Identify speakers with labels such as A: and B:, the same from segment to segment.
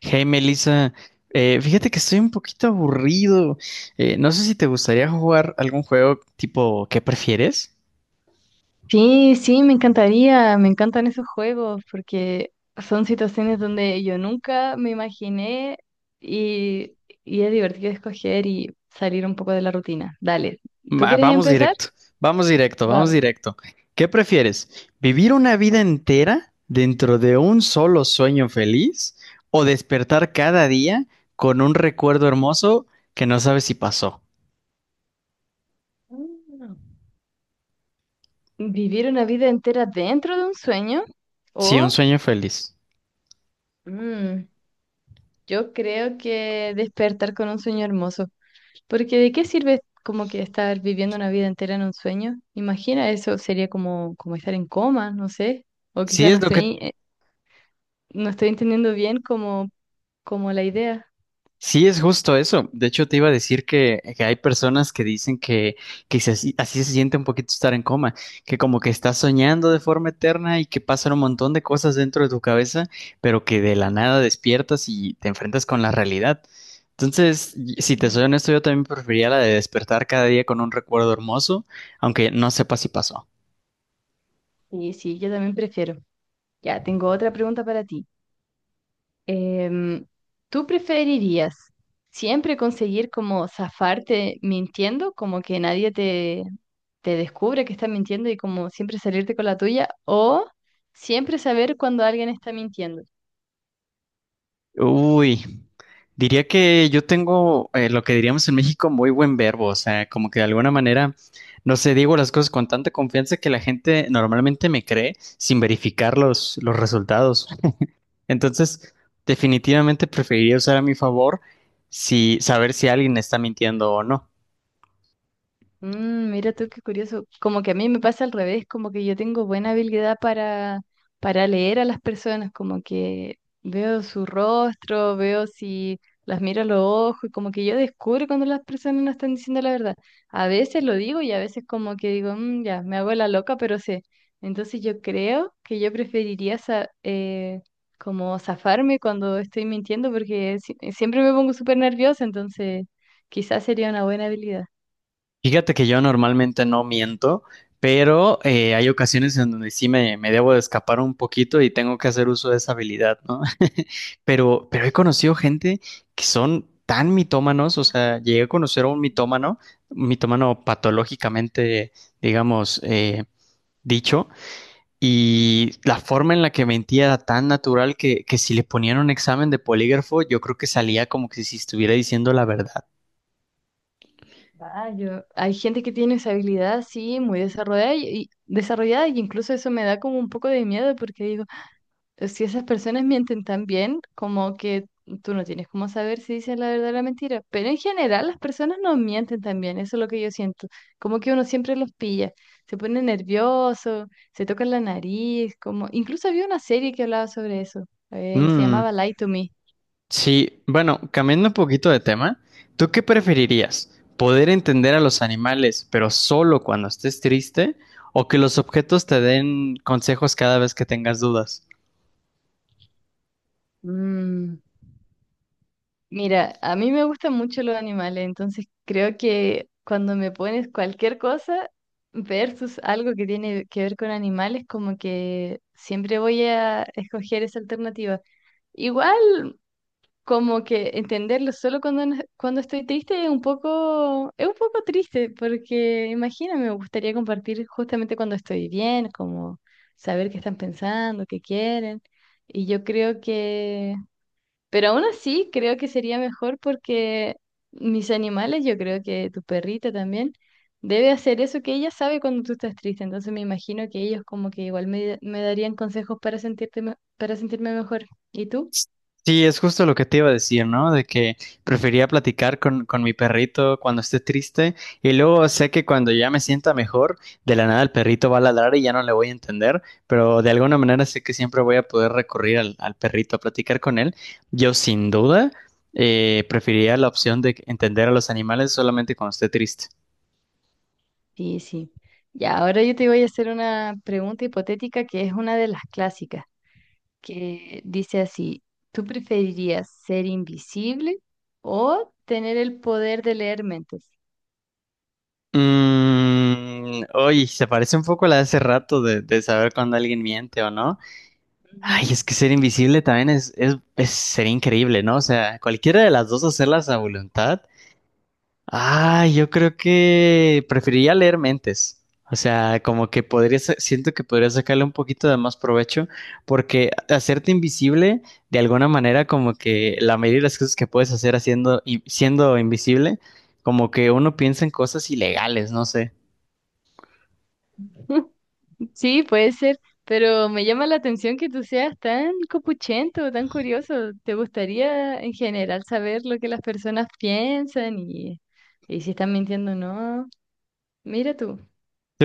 A: Hey Melissa, fíjate que estoy un poquito aburrido. No sé si te gustaría jugar algún juego tipo ¿qué prefieres?
B: Sí, sí, me encantaría, me encantan esos juegos porque son situaciones donde yo nunca me imaginé y, y es divertido escoger y salir un poco de la rutina. Dale, ¿tú
A: Va-
B: quieres
A: vamos
B: empezar?
A: directo, Vamos
B: Vamos.
A: directo. ¿Qué prefieres? ¿Vivir una vida entera dentro de un solo sueño feliz o despertar cada día con un recuerdo hermoso que no sabes si pasó?
B: Mm. ¿Vivir una vida entera dentro de un sueño
A: Sí, un
B: o
A: sueño feliz.
B: mm, yo creo que despertar con un sueño hermoso? Porque ¿de qué sirve como que estar viviendo una vida entera en un sueño? Imagina eso, sería como, como estar en coma, no sé. O
A: Sí,
B: quizá no
A: es lo que,
B: estoy, no estoy entendiendo bien como, como la idea.
A: Sí, es justo eso. De hecho, te iba a decir que hay personas que dicen que así, se siente un poquito estar en coma, que como que estás soñando de forma eterna y que pasan un montón de cosas dentro de tu cabeza, pero que de la nada despiertas y te enfrentas con la realidad. Entonces, si te soy
B: Mm.
A: honesto, yo también preferiría la de despertar cada día con un recuerdo hermoso, aunque no sepa si pasó.
B: Y sí, yo también prefiero. Ya, tengo otra pregunta para ti. Em, ¿Tú preferirías siempre conseguir como zafarte mintiendo, como que nadie te, te descubre que estás mintiendo y como siempre salirte con la tuya? ¿O siempre saber cuando alguien está mintiendo?
A: Uy, diría que yo tengo lo que diríamos en México muy buen verbo, o sea, como que de alguna manera, no sé, digo las cosas con tanta confianza que la gente normalmente me cree sin verificar los resultados. Entonces, definitivamente preferiría usar a mi favor si saber si alguien está mintiendo o no.
B: Mm, mira tú qué curioso. Como que a mí me pasa al revés, como que yo tengo buena habilidad para leer a las personas, como que veo su rostro, veo si las miro a los ojos, y como que yo descubro cuando las personas no están diciendo la verdad. A veces lo digo y a veces como que digo, "Mm, ya, me hago la loca, pero sé." Entonces yo creo que yo preferiría como zafarme cuando estoy mintiendo porque siempre me pongo súper nerviosa, entonces quizás sería una buena habilidad.
A: Fíjate que yo normalmente no miento, pero hay ocasiones en donde sí me debo de escapar un poquito y tengo que hacer uso de esa habilidad, ¿no? Pero he
B: Sí.
A: conocido gente que son tan mitómanos, o sea, llegué a conocer a un mitómano patológicamente, digamos, dicho, y la forma en la que mentía era tan natural que si le ponían un examen de polígrafo, yo creo que salía como que si estuviera diciendo la verdad.
B: Ah, hay gente que tiene esa habilidad, sí, muy desarrollada desarrollada y incluso eso me da como un poco de miedo porque digo, pues, si esas personas mienten tan bien, como que tú no tienes cómo saber si dicen la verdad o la mentira. Pero en general las personas no mienten tan bien, eso es lo que yo siento. Como que uno siempre los pilla, se pone nervioso, se toca la nariz, como incluso había una serie que hablaba sobre eso, se
A: Mm.
B: llamaba Lie to Me.
A: Sí, bueno, cambiando un poquito de tema, ¿tú qué preferirías? ¿Poder entender a los animales, pero solo cuando estés triste? ¿O que los objetos te den consejos cada vez que tengas dudas?
B: Mm. Mira, a mí me gustan mucho los animales, entonces creo que cuando me pones cualquier cosa versus algo que tiene que ver con animales, como que siempre voy a escoger esa alternativa. Igual, como que entenderlo solo cuando, cuando estoy triste es un poco triste, porque imagina, me gustaría compartir justamente cuando estoy bien, como saber qué están pensando, qué quieren. Y yo creo que pero aún así, creo que sería mejor porque mis animales, yo creo que tu perrita también, debe hacer eso que ella sabe cuando tú estás triste. Entonces me imagino que ellos como que igual me, me darían consejos para para sentirme mejor. ¿Y tú?
A: Sí, es justo lo que te iba a decir, ¿no? De que prefería platicar con mi perrito cuando esté triste y luego sé que cuando ya me sienta mejor, de la nada el perrito va a ladrar y ya no le voy a entender, pero de alguna manera sé que siempre voy a poder recurrir al perrito a platicar con él. Yo sin duda preferiría la opción de entender a los animales solamente cuando esté triste.
B: Sí, sí. Ya, ahora yo te voy a hacer una pregunta hipotética que es una de las clásicas, que dice así, ¿tú preferirías ser invisible o tener el poder de leer mentes?
A: Mmm, oye, se parece un poco a la de hace rato de saber cuando alguien miente o no. Ay,
B: Ujú.
A: es que ser invisible también sería increíble, ¿no? O sea, cualquiera de las dos hacerlas a voluntad. Ay, yo creo que preferiría leer mentes. O sea, como que podría, siento que podría sacarle un poquito de más provecho, porque hacerte invisible, de alguna manera, como que la mayoría de las cosas que puedes hacer siendo invisible, como que uno piensa en cosas ilegales, no sé.
B: Sí, puede ser, pero me llama la atención que tú seas tan copuchento, tan curioso. ¿Te gustaría en general saber lo que las personas piensan y si están mintiendo o no? Mira tú,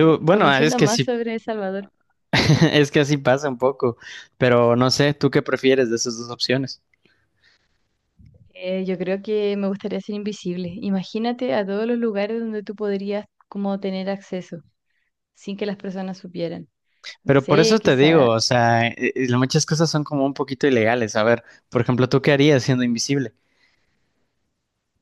A: Bueno, ah, es
B: conociendo
A: que
B: más
A: sí,
B: sobre El Salvador,
A: es que así pasa un poco, pero no sé, ¿tú qué prefieres de esas dos opciones?
B: yo creo que me gustaría ser invisible. Imagínate a todos los lugares donde tú podrías como tener acceso sin que las personas supieran. No
A: Pero por
B: sé,
A: eso te digo,
B: quizá
A: o sea, muchas cosas son como un poquito ilegales. A ver, por ejemplo, ¿tú qué harías siendo invisible?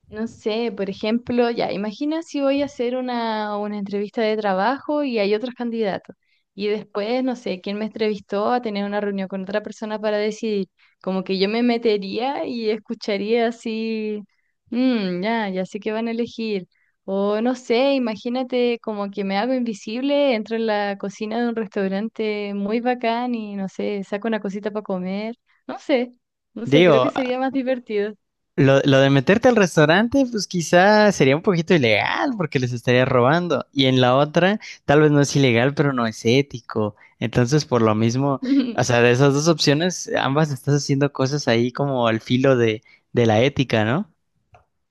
B: no sé, por ejemplo, ya, imagina si voy a hacer una entrevista de trabajo y hay otros candidatos. Y después, no sé, quién me entrevistó a tener una reunión con otra persona para decidir. Como que yo me metería y escucharía así, "Mm, ya, ya sé que van a elegir." O no sé, imagínate como que me hago invisible, entro en la cocina de un restaurante muy bacán y no sé, saco una cosita para comer. No sé, no sé, creo que
A: Digo, ah,
B: sería más divertido.
A: lo de meterte al restaurante, pues quizá sería un poquito ilegal porque les estarías robando. Y en la otra, tal vez no es ilegal, pero no es ético. Entonces, por lo mismo, o sea, de esas dos opciones, ambas estás haciendo cosas ahí como al filo de la ética, ¿no?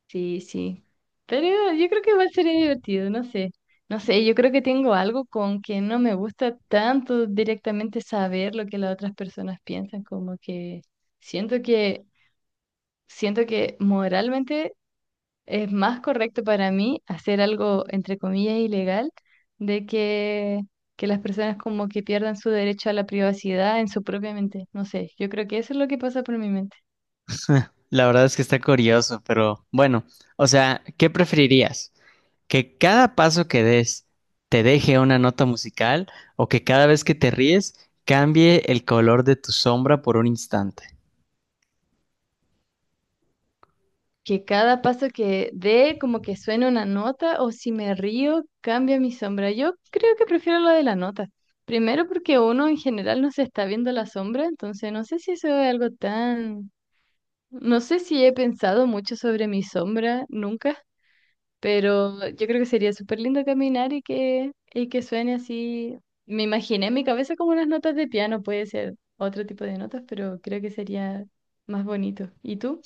B: Sí, sí. Pero yo creo que igual sería divertido, no sé. No sé, yo creo que tengo algo con que no me gusta tanto directamente saber lo que las otras personas piensan, como que siento que siento que moralmente es más correcto para mí hacer algo entre comillas ilegal de que las personas como que pierdan su derecho a la privacidad en su propia mente. No sé, yo creo que eso es lo que pasa por mi mente.
A: La verdad es que está curioso, pero bueno, o sea, ¿qué preferirías? Que cada paso que des te deje una nota musical o que cada vez que te ríes cambie el color de tu sombra por un instante.
B: Que cada paso que dé como que suene una nota o si me río cambia mi sombra. Yo creo que prefiero lo de la nota. Primero porque uno en general no se está viendo la sombra, entonces no sé si eso es algo tan... No sé si he pensado mucho sobre mi sombra nunca, pero yo creo que sería súper lindo caminar y que suene así. Me imaginé en mi cabeza como unas notas de piano, puede ser otro tipo de notas, pero creo que sería más bonito. ¿Y tú?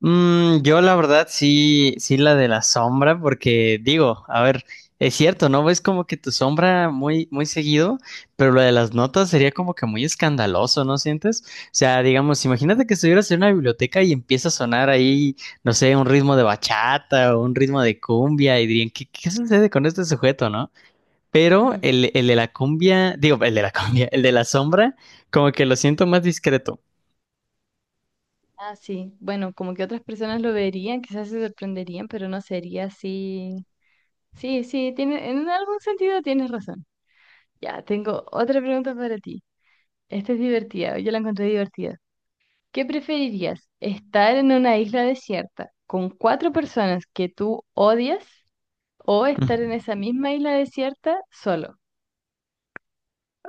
A: Mm, yo la verdad sí la de la sombra, porque digo, a ver, es cierto, ¿no? Ves como que tu sombra muy, muy seguido, pero lo de las notas sería como que muy escandaloso, ¿no sientes? O sea, digamos, imagínate que estuvieras en una biblioteca y empieza a sonar ahí, no sé, un ritmo de bachata o un ritmo de cumbia y dirían, ¿qué, qué sucede con este sujeto, no? Pero
B: Ujú.
A: el de la cumbia, digo, el de la sombra, como que lo siento más discreto.
B: Ah, sí. Bueno, como que otras personas lo verían, quizás se sorprenderían, pero no sería así. Sí, sí, tiene, en algún sentido tienes razón. Ya, tengo otra pregunta para ti. Esta es divertida, yo la encontré divertida. ¿Qué preferirías? ¿Estar en una isla desierta con 4 personas que tú odias o estar en
A: Mm.
B: esa misma isla desierta solo?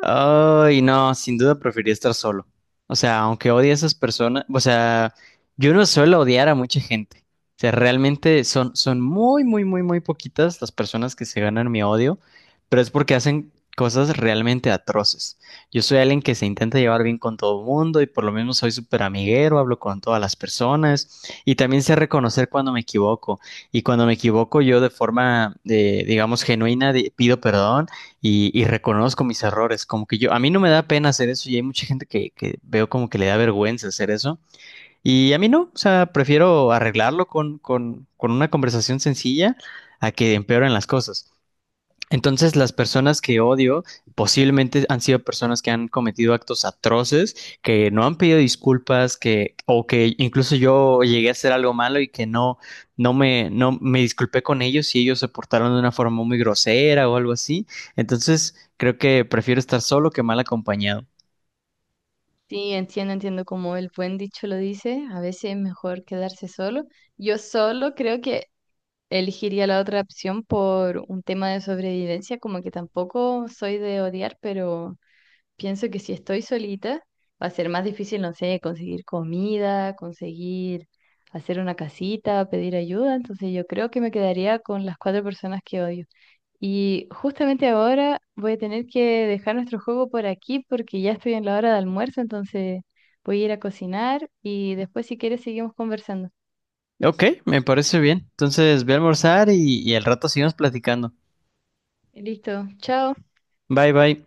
A: Ay, no, sin duda preferiría estar solo. O sea, aunque odie a esas personas, o sea, yo no suelo odiar a mucha gente. O sea, realmente son muy, muy, muy, muy poquitas las personas que se ganan mi odio, pero es porque hacen cosas realmente atroces. Yo soy alguien que se intenta llevar bien con todo el mundo y por lo menos soy súper amiguero, hablo con todas las personas y también sé reconocer cuando me equivoco. Y cuando me equivoco, yo de forma, digamos, genuina, pido perdón y reconozco mis errores. Como que yo, a mí no me da pena hacer eso y hay mucha gente que veo como que le da vergüenza hacer eso. Y a mí no, o sea, prefiero arreglarlo con una conversación sencilla a que empeoren las cosas. Entonces, las personas que odio posiblemente han sido personas que han cometido actos atroces, que no han pedido disculpas, que o que incluso yo llegué a hacer algo malo y que no me disculpé con ellos y ellos se portaron de una forma muy grosera o algo así. Entonces, creo que prefiero estar solo que mal acompañado.
B: Sí, entiendo, entiendo como el buen dicho lo dice, a veces es mejor quedarse solo. Yo solo creo que elegiría la otra opción por un tema de sobrevivencia, como que tampoco soy de odiar, pero pienso que si estoy solita va a ser más difícil, no sé, conseguir comida, conseguir hacer una casita, pedir ayuda, entonces yo creo que me quedaría con las 4 personas que odio. Y justamente ahora voy a tener que dejar nuestro juego por aquí porque ya estoy en la hora de almuerzo, entonces voy a ir a cocinar y después si quieres seguimos conversando.
A: Ok, me parece bien. Entonces, voy a almorzar y al rato seguimos platicando.
B: Listo, chao.
A: Bye, bye.